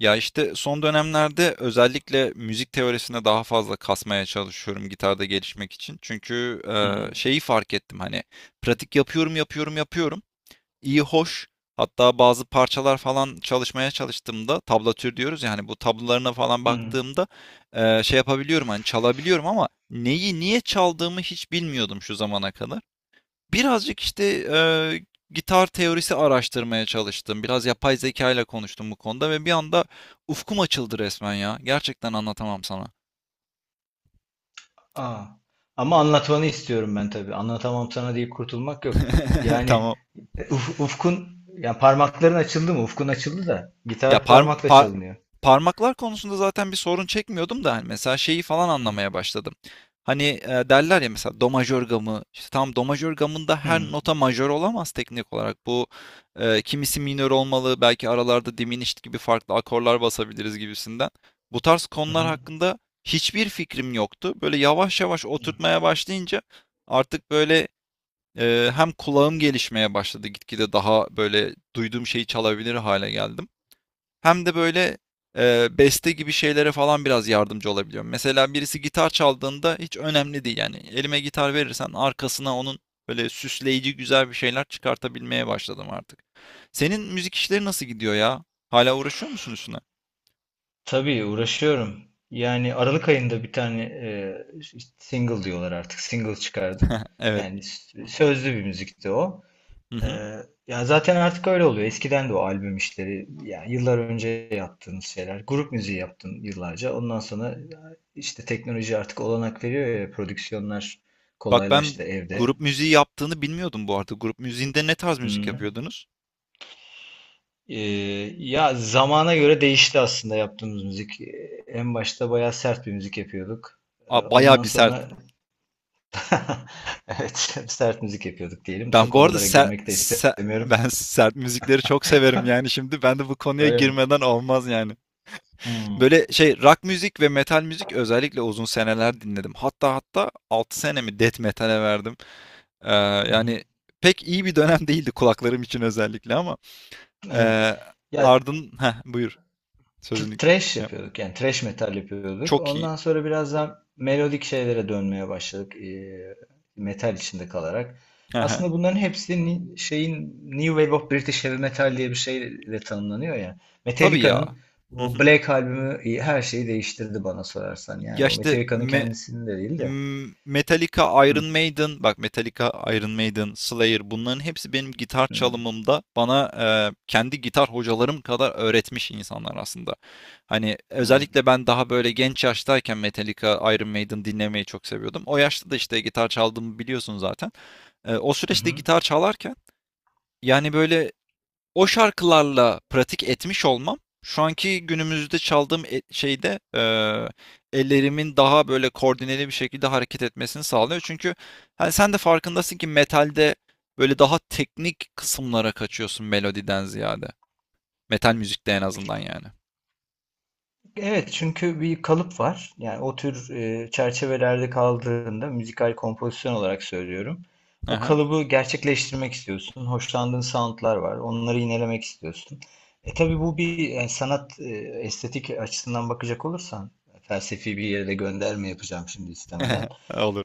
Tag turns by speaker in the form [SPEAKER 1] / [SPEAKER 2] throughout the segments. [SPEAKER 1] Ya işte son dönemlerde özellikle müzik teorisine daha fazla kasmaya çalışıyorum gitarda gelişmek için. Çünkü
[SPEAKER 2] Hı hı.
[SPEAKER 1] şeyi fark ettim hani pratik yapıyorum yapıyorum yapıyorum. İyi hoş. Hatta bazı parçalar falan çalışmaya çalıştığımda tablatür diyoruz ya hani bu tablolarına falan
[SPEAKER 2] Hı. Hı.
[SPEAKER 1] baktığımda şey yapabiliyorum hani çalabiliyorum ama neyi niye çaldığımı hiç bilmiyordum şu zamana kadar. Birazcık işte gitar teorisi araştırmaya çalıştım. Biraz yapay zeka ile konuştum bu konuda ve bir anda ufkum açıldı resmen ya. Gerçekten anlatamam sana.
[SPEAKER 2] Aa. Ama anlatmanı istiyorum ben tabii. Anlatamam sana diye kurtulmak yok. Yani
[SPEAKER 1] Tamam.
[SPEAKER 2] ufkun yani parmakların açıldı mı? Ufkun açıldı da
[SPEAKER 1] Ya
[SPEAKER 2] gitar parmakla çalınıyor.
[SPEAKER 1] parmaklar konusunda zaten bir sorun çekmiyordum da hani mesela şeyi falan
[SPEAKER 2] Hı.
[SPEAKER 1] anlamaya başladım. Hani, derler ya mesela do majör gamı, işte tamam do majör gamında her
[SPEAKER 2] Hı.
[SPEAKER 1] nota majör olamaz teknik olarak. Bu, kimisi minör olmalı, belki aralarda diminished gibi farklı akorlar basabiliriz gibisinden. Bu tarz
[SPEAKER 2] Hı
[SPEAKER 1] konular
[SPEAKER 2] hı.
[SPEAKER 1] hakkında hiçbir fikrim yoktu. Böyle yavaş yavaş
[SPEAKER 2] Hı.
[SPEAKER 1] oturtmaya başlayınca artık böyle, hem kulağım gelişmeye başladı. Gitgide daha böyle duyduğum şeyi çalabilir hale geldim. Hem de böyle, beste gibi şeylere falan biraz yardımcı olabiliyorum. Mesela birisi gitar çaldığında hiç önemli değil yani. Elime gitar verirsen arkasına onun böyle süsleyici güzel bir şeyler çıkartabilmeye başladım artık. Senin müzik işleri nasıl gidiyor ya? Hala uğraşıyor musun üstüne?
[SPEAKER 2] Tabii uğraşıyorum. Yani Aralık ayında bir tane single diyorlar artık. Single çıkardım.
[SPEAKER 1] Evet.
[SPEAKER 2] Yani sözlü bir müzikti o.
[SPEAKER 1] Hı
[SPEAKER 2] Ee,
[SPEAKER 1] hı.
[SPEAKER 2] Ya zaten artık öyle oluyor. Eskiden de o albüm işleri, yani yıllar önce yaptığınız şeyler. Grup müziği yaptın yıllarca. Ondan sonra işte teknoloji artık olanak veriyor ya, prodüksiyonlar
[SPEAKER 1] Bak
[SPEAKER 2] kolaylaştı
[SPEAKER 1] ben
[SPEAKER 2] evde.
[SPEAKER 1] grup müziği yaptığını bilmiyordum bu arada. Grup müziğinde ne tarz müzik
[SPEAKER 2] Hmm.
[SPEAKER 1] yapıyordunuz?
[SPEAKER 2] Ee, Ya zamana göre değişti aslında yaptığımız müzik. En başta bayağı sert bir müzik yapıyorduk. Ee,
[SPEAKER 1] A, bayağı
[SPEAKER 2] ondan
[SPEAKER 1] bir sert.
[SPEAKER 2] sonra evet sert müzik yapıyorduk diyelim.
[SPEAKER 1] Ben
[SPEAKER 2] Çok
[SPEAKER 1] bu arada
[SPEAKER 2] oralara
[SPEAKER 1] ser
[SPEAKER 2] girmek de
[SPEAKER 1] se
[SPEAKER 2] istemiyorum.
[SPEAKER 1] ben sert müzikleri çok severim yani şimdi. Ben de bu konuya
[SPEAKER 2] Öyle mi?
[SPEAKER 1] girmeden olmaz yani.
[SPEAKER 2] Hmm.
[SPEAKER 1] Böyle şey rock müzik ve metal müzik özellikle uzun seneler dinledim. Hatta 6 senemi death metal'e verdim. Ee,
[SPEAKER 2] Hı hı.
[SPEAKER 1] yani pek iyi bir dönem değildi kulaklarım için özellikle ama
[SPEAKER 2] Evet.
[SPEAKER 1] ee,
[SPEAKER 2] Ya
[SPEAKER 1] buyur sözünü
[SPEAKER 2] Thrash
[SPEAKER 1] şey yap.
[SPEAKER 2] yapıyorduk yani Trash metal yapıyorduk.
[SPEAKER 1] Çok iyi.
[SPEAKER 2] Ondan sonra biraz daha melodik şeylere dönmeye başladık metal içinde kalarak.
[SPEAKER 1] Hı hı.
[SPEAKER 2] Aslında bunların hepsi şeyin New Wave of British Heavy Metal diye bir şeyle tanımlanıyor ya.
[SPEAKER 1] Tabii ya.
[SPEAKER 2] Metallica'nın
[SPEAKER 1] Hı
[SPEAKER 2] o
[SPEAKER 1] hı.
[SPEAKER 2] Black albümü her şeyi değiştirdi bana sorarsan.
[SPEAKER 1] Ya
[SPEAKER 2] Yani o
[SPEAKER 1] işte
[SPEAKER 2] Metallica'nın kendisini de değil de.
[SPEAKER 1] Metallica,
[SPEAKER 2] Hı,
[SPEAKER 1] Iron Maiden, bak Metallica, Iron Maiden, Slayer bunların hepsi benim gitar
[SPEAKER 2] hı,
[SPEAKER 1] çalımımda bana kendi gitar hocalarım kadar öğretmiş insanlar aslında. Hani
[SPEAKER 2] hı,
[SPEAKER 1] özellikle ben daha böyle genç yaştayken Metallica, Iron Maiden dinlemeyi çok seviyordum. O yaşta da işte gitar çaldığımı biliyorsun zaten. O
[SPEAKER 2] hı,
[SPEAKER 1] süreçte
[SPEAKER 2] hı.
[SPEAKER 1] gitar çalarken yani böyle o şarkılarla pratik etmiş olmam, şu anki günümüzde çaldığım şeyde ellerimin daha böyle koordineli bir şekilde hareket etmesini sağlıyor. Çünkü hani sen de farkındasın ki metalde böyle daha teknik kısımlara kaçıyorsun melodiden ziyade. Metal müzikte en azından yani.
[SPEAKER 2] Evet, çünkü bir kalıp var. Yani o tür çerçevelerde kaldığında müzikal kompozisyon olarak söylüyorum. O
[SPEAKER 1] Aha.
[SPEAKER 2] kalıbı gerçekleştirmek istiyorsun. Hoşlandığın soundlar var. Onları yinelemek istiyorsun. E tabii bu bir yani sanat estetik açısından bakacak olursan felsefi bir yere de gönderme yapacağım şimdi istemeden.
[SPEAKER 1] Olur.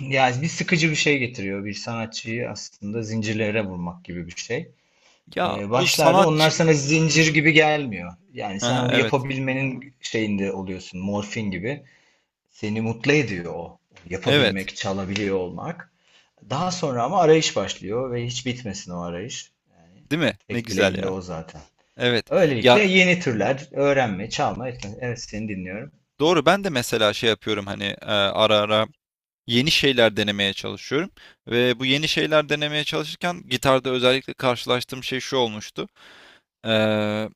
[SPEAKER 2] Yani bir sıkıcı bir şey getiriyor. Bir sanatçıyı aslında zincirlere vurmak gibi bir şey.
[SPEAKER 1] Ya
[SPEAKER 2] Ee,
[SPEAKER 1] bu
[SPEAKER 2] başlarda onlar
[SPEAKER 1] sanatçı...
[SPEAKER 2] sana
[SPEAKER 1] Hı
[SPEAKER 2] zincir
[SPEAKER 1] hı.
[SPEAKER 2] gibi gelmiyor. Yani sen
[SPEAKER 1] Aha,
[SPEAKER 2] onu
[SPEAKER 1] evet.
[SPEAKER 2] yapabilmenin şeyinde oluyorsun, morfin gibi. Seni mutlu ediyor o.
[SPEAKER 1] Evet.
[SPEAKER 2] Yapabilmek, çalabiliyor olmak. Daha sonra ama arayış başlıyor ve hiç bitmesin o arayış.
[SPEAKER 1] Değil mi? Ne
[SPEAKER 2] Tek
[SPEAKER 1] güzel
[SPEAKER 2] dileğim de
[SPEAKER 1] ya.
[SPEAKER 2] o zaten.
[SPEAKER 1] Evet.
[SPEAKER 2] Öylelikle
[SPEAKER 1] Ya
[SPEAKER 2] yeni türler öğrenme, çalma, etme. Evet, seni dinliyorum.
[SPEAKER 1] doğru ben de mesela şey yapıyorum hani ara ara yeni şeyler denemeye çalışıyorum. Ve bu yeni şeyler denemeye çalışırken gitarda özellikle karşılaştığım şey şu olmuştu. Ee,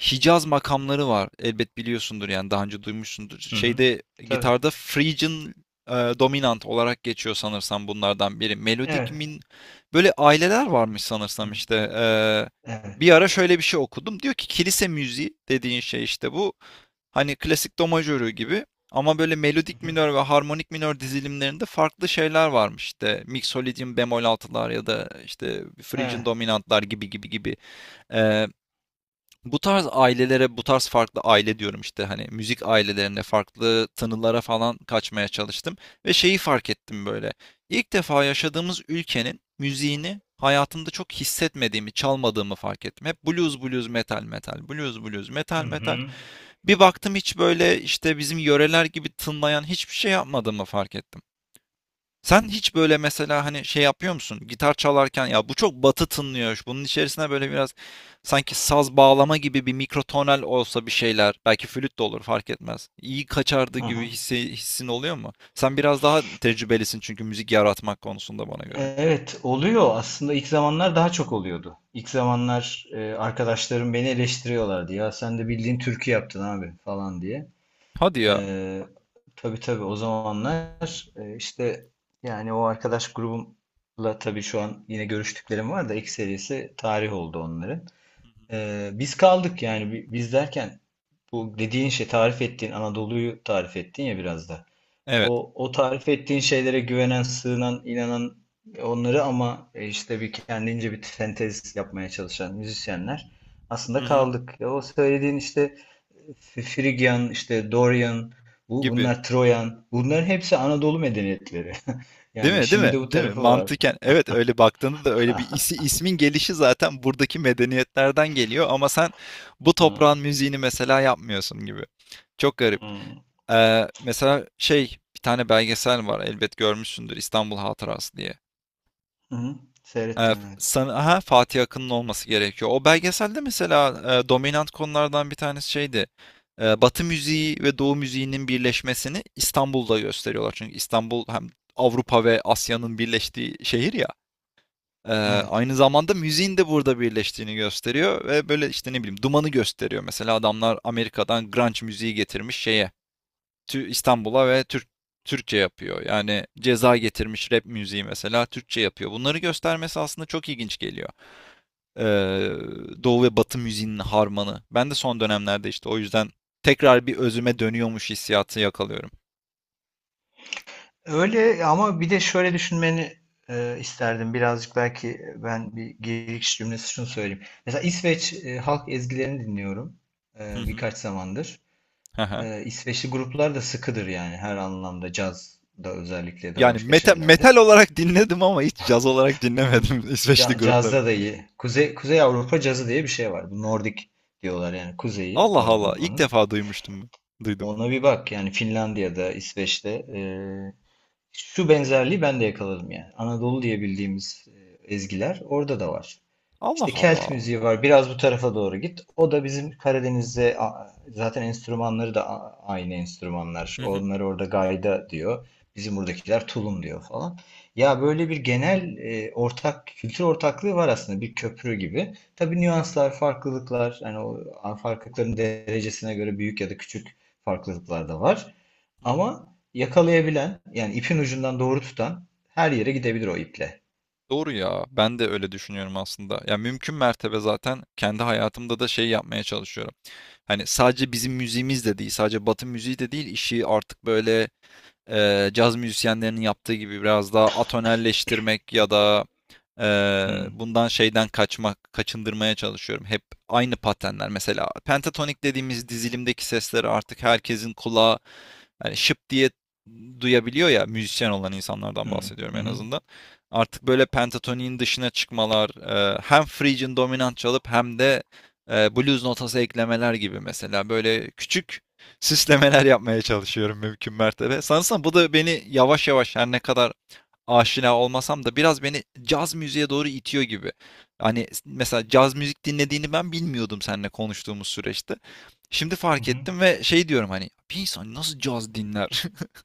[SPEAKER 1] Hicaz makamları var. Elbet biliyorsundur yani daha önce duymuşsundur.
[SPEAKER 2] Hı hı.
[SPEAKER 1] Şeyde
[SPEAKER 2] Tabii.
[SPEAKER 1] gitarda Phrygian dominant olarak geçiyor sanırsam bunlardan biri. Melodik
[SPEAKER 2] Evet.
[SPEAKER 1] böyle aileler varmış
[SPEAKER 2] Hı.
[SPEAKER 1] sanırsam işte.
[SPEAKER 2] Evet.
[SPEAKER 1] Bir ara şöyle bir şey okudum. Diyor ki kilise müziği dediğin şey işte bu. Hani klasik do majörü gibi ama böyle
[SPEAKER 2] Hı
[SPEAKER 1] melodik
[SPEAKER 2] hı.
[SPEAKER 1] minör ve harmonik minör dizilimlerinde farklı şeyler varmış. İşte Mixolydian bemol altılar ya da işte Phrygian
[SPEAKER 2] Evet.
[SPEAKER 1] dominantlar gibi gibi gibi. Ee, bu tarz ailelere, bu tarz farklı aile diyorum işte hani müzik ailelerine, farklı tınılara falan kaçmaya çalıştım ve şeyi fark ettim böyle. İlk defa yaşadığımız ülkenin müziğini hayatımda çok hissetmediğimi, çalmadığımı fark ettim. Hep blues, blues, metal, metal, blues, blues,
[SPEAKER 2] Hı
[SPEAKER 1] metal, metal.
[SPEAKER 2] hı.
[SPEAKER 1] Bir baktım hiç böyle işte bizim yöreler gibi tınlayan hiçbir şey yapmadığımı fark ettim. Sen hiç böyle mesela hani şey yapıyor musun? Gitar çalarken ya bu çok batı tınlıyor. Bunun içerisine böyle biraz sanki saz bağlama gibi bir mikrotonal olsa bir şeyler. Belki flüt de olur fark etmez. İyi kaçardı
[SPEAKER 2] Hı
[SPEAKER 1] gibi
[SPEAKER 2] hı.
[SPEAKER 1] hissin oluyor mu? Sen biraz daha tecrübelisin çünkü müzik yaratmak konusunda bana göre.
[SPEAKER 2] Evet, oluyor aslında, ilk zamanlar daha çok oluyordu. İlk zamanlar arkadaşlarım beni eleştiriyorlardı, ya sen de bildiğin türkü yaptın abi falan diye.
[SPEAKER 1] Hadi ya.
[SPEAKER 2] E, tabii tabii o zamanlar işte yani o arkadaş grubumla tabii, şu an yine görüştüklerim var da ilk serisi tarih oldu onların. E, biz kaldık yani, biz derken bu dediğin şey, tarif ettiğin Anadolu'yu tarif ettin ya biraz da.
[SPEAKER 1] Evet.
[SPEAKER 2] O tarif ettiğin şeylere güvenen, sığınan, inanan, onları ama işte bir kendince bir sentez yapmaya çalışan müzisyenler
[SPEAKER 1] Hı
[SPEAKER 2] aslında
[SPEAKER 1] hı.
[SPEAKER 2] kaldık. Ya o söylediğin işte Frigyan, işte Dorian,
[SPEAKER 1] Gibi.
[SPEAKER 2] bunlar Troyan, bunların hepsi Anadolu medeniyetleri. Yani
[SPEAKER 1] Değil mi? Değil
[SPEAKER 2] işin bir
[SPEAKER 1] mi?
[SPEAKER 2] de bu
[SPEAKER 1] Değil mi?
[SPEAKER 2] tarafı var.
[SPEAKER 1] Mantıken evet öyle baktığında da öyle bir ismin gelişi zaten buradaki medeniyetlerden geliyor ama sen bu
[SPEAKER 2] Hı.
[SPEAKER 1] toprağın müziğini mesela yapmıyorsun gibi. Çok garip.
[SPEAKER 2] Hı,
[SPEAKER 1] Mesela şey bir tane belgesel var elbet görmüşsündür İstanbul Hatırası diye.
[SPEAKER 2] hı. Seyrettim, evet.
[SPEAKER 1] Sana, aha, Fatih Akın'ın olması gerekiyor. O belgeselde mesela dominant konulardan bir tanesi şeydi. Batı müziği ve Doğu müziğinin birleşmesini İstanbul'da gösteriyorlar. Çünkü İstanbul hem Avrupa ve Asya'nın birleştiği şehir ya. Ee,
[SPEAKER 2] Evet.
[SPEAKER 1] aynı zamanda müziğin de burada birleştiğini gösteriyor ve böyle işte ne bileyim dumanı gösteriyor. Mesela adamlar Amerika'dan grunge müziği getirmiş şeye İstanbul'a ve Türkçe yapıyor. Yani Ceza getirmiş rap müziği mesela Türkçe yapıyor. Bunları göstermesi aslında çok ilginç geliyor. Ee, Doğu ve Batı müziğinin harmanı. Ben de son dönemlerde işte o yüzden tekrar bir özüme dönüyormuş hissiyatı yakalıyorum.
[SPEAKER 2] Öyle, ama bir de şöyle düşünmeni isterdim. Birazcık belki ben bir giriş cümlesi şunu söyleyeyim. Mesela İsveç halk ezgilerini dinliyorum
[SPEAKER 1] Hı hı.
[SPEAKER 2] birkaç zamandır.
[SPEAKER 1] Hı hı.
[SPEAKER 2] E, İsveçli gruplar da sıkıdır yani, her anlamda, cazda özellikle, de
[SPEAKER 1] Yani
[SPEAKER 2] başka
[SPEAKER 1] metal
[SPEAKER 2] şeylerde.
[SPEAKER 1] olarak dinledim ama hiç caz olarak
[SPEAKER 2] Hmm,
[SPEAKER 1] dinlemedim İsveçli grupları.
[SPEAKER 2] Cazda da iyi. Kuzey Avrupa cazı diye bir şey var. Bu Nordik diyorlar, yani Kuzeyi
[SPEAKER 1] Allah Allah. İlk
[SPEAKER 2] Avrupa'nın.
[SPEAKER 1] defa duymuştum. Duydum.
[SPEAKER 2] Ona bir bak, yani Finlandiya'da, İsveç'te şu benzerliği ben de yakaladım yani. Anadolu diye bildiğimiz ezgiler orada da var.
[SPEAKER 1] Allah
[SPEAKER 2] İşte Kelt
[SPEAKER 1] Allah.
[SPEAKER 2] müziği var. Biraz bu tarafa doğru git. O da bizim Karadeniz'de zaten, enstrümanları da aynı enstrümanlar.
[SPEAKER 1] Hı hı.
[SPEAKER 2] Onları orada gayda diyor. Bizim buradakiler tulum diyor falan. Ya böyle bir genel ortak kültür ortaklığı var aslında, bir köprü gibi. Tabii nüanslar, farklılıklar, hani o farklılıkların derecesine göre büyük ya da küçük farklılıklar da var.
[SPEAKER 1] Hı hı.
[SPEAKER 2] Ama yakalayabilen, yani ipin ucundan doğru tutan her yere gidebilir o iple.
[SPEAKER 1] Doğru ya. Ben de öyle düşünüyorum aslında. Ya mümkün mertebe zaten kendi hayatımda da şey yapmaya çalışıyorum. Hani sadece bizim müziğimiz de değil, sadece Batı müziği de değil, işi artık böyle caz müzisyenlerinin yaptığı gibi biraz daha atonelleştirmek ya da
[SPEAKER 2] Hı,
[SPEAKER 1] bundan şeyden kaçmak, kaçındırmaya çalışıyorum. Hep aynı patenler. Mesela pentatonik dediğimiz dizilimdeki sesleri artık herkesin kulağı hani şıp diye duyabiliyor ya müzisyen olan
[SPEAKER 2] hı,
[SPEAKER 1] insanlardan bahsediyorum
[SPEAKER 2] hı,
[SPEAKER 1] en
[SPEAKER 2] hı,
[SPEAKER 1] azından. Artık böyle pentatoniğin dışına çıkmalar, hem Phrygian dominant çalıp hem de blues notası eklemeler gibi mesela böyle küçük süslemeler yapmaya çalışıyorum mümkün mertebe. Sanırsam bu da beni yavaş yavaş her ne kadar aşina olmasam da biraz beni caz müziğe doğru itiyor gibi. Hani mesela caz müzik dinlediğini ben bilmiyordum seninle konuştuğumuz süreçte. Şimdi fark
[SPEAKER 2] hı.
[SPEAKER 1] ettim ve şey diyorum hani bir insan nasıl caz dinler?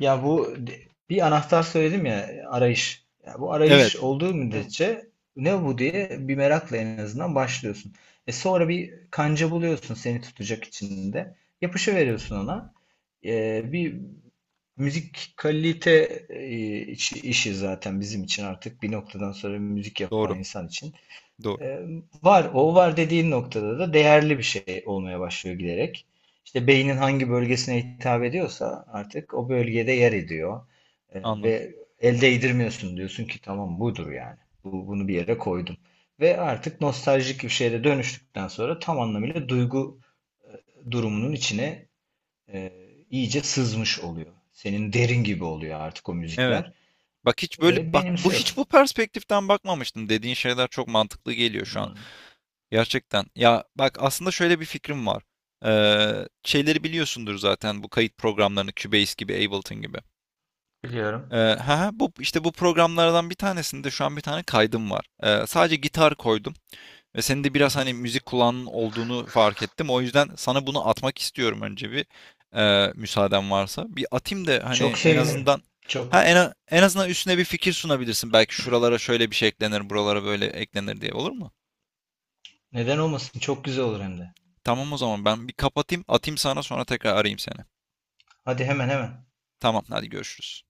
[SPEAKER 2] Ya bir anahtar söyledim ya, arayış. Ya bu
[SPEAKER 1] Evet,
[SPEAKER 2] arayış olduğu müddetçe ne bu diye bir merakla en azından başlıyorsun. E sonra bir kanca buluyorsun seni tutacak içinde. Yapışı veriyorsun ona. E, bir müzik kalite işi zaten bizim için, artık bir noktadan sonra müzik yapan
[SPEAKER 1] doğru,
[SPEAKER 2] insan için.
[SPEAKER 1] doğru.
[SPEAKER 2] Ee, var, o var dediğin noktada da değerli bir şey olmaya başlıyor giderek. İşte beynin hangi bölgesine hitap ediyorsa artık o bölgede yer ediyor. Ee,
[SPEAKER 1] Anladım.
[SPEAKER 2] ve el değdirmiyorsun, diyorsun ki tamam budur yani. Bunu bir yere koydum. Ve artık nostaljik bir şeye de dönüştükten sonra tam anlamıyla duygu durumunun içine e, iyice sızmış oluyor. Senin derin gibi oluyor artık o
[SPEAKER 1] Evet.
[SPEAKER 2] müzikler.
[SPEAKER 1] Bak hiç böyle
[SPEAKER 2] Ve
[SPEAKER 1] bak bu hiç
[SPEAKER 2] benimsiyorsun
[SPEAKER 1] bu perspektiften bakmamıştım. Dediğin şeyler çok mantıklı geliyor şu an. Gerçekten. Ya bak aslında şöyle bir fikrim var. Şeyleri biliyorsundur zaten bu kayıt programlarını Cubase gibi, Ableton gibi.
[SPEAKER 2] diyorum.
[SPEAKER 1] Ha, bu işte bu programlardan bir tanesinde şu an bir tane kaydım var. Sadece gitar koydum ve senin de
[SPEAKER 2] Hı
[SPEAKER 1] biraz
[SPEAKER 2] hı.
[SPEAKER 1] hani müzik kulağının olduğunu fark ettim. O yüzden sana bunu atmak istiyorum önce bir müsaaden varsa. Bir atayım da hani
[SPEAKER 2] Çok
[SPEAKER 1] en
[SPEAKER 2] sevinirim.
[SPEAKER 1] azından ha
[SPEAKER 2] Çok.
[SPEAKER 1] en, a- en azından üstüne bir fikir sunabilirsin. Belki şuralara şöyle bir şey eklenir, buralara böyle eklenir diye olur mu?
[SPEAKER 2] Neden olmasın? Çok güzel olur hem de.
[SPEAKER 1] Tamam o zaman ben bir kapatayım, atayım sana sonra tekrar arayayım seni.
[SPEAKER 2] Hadi hemen hemen.
[SPEAKER 1] Tamam hadi görüşürüz.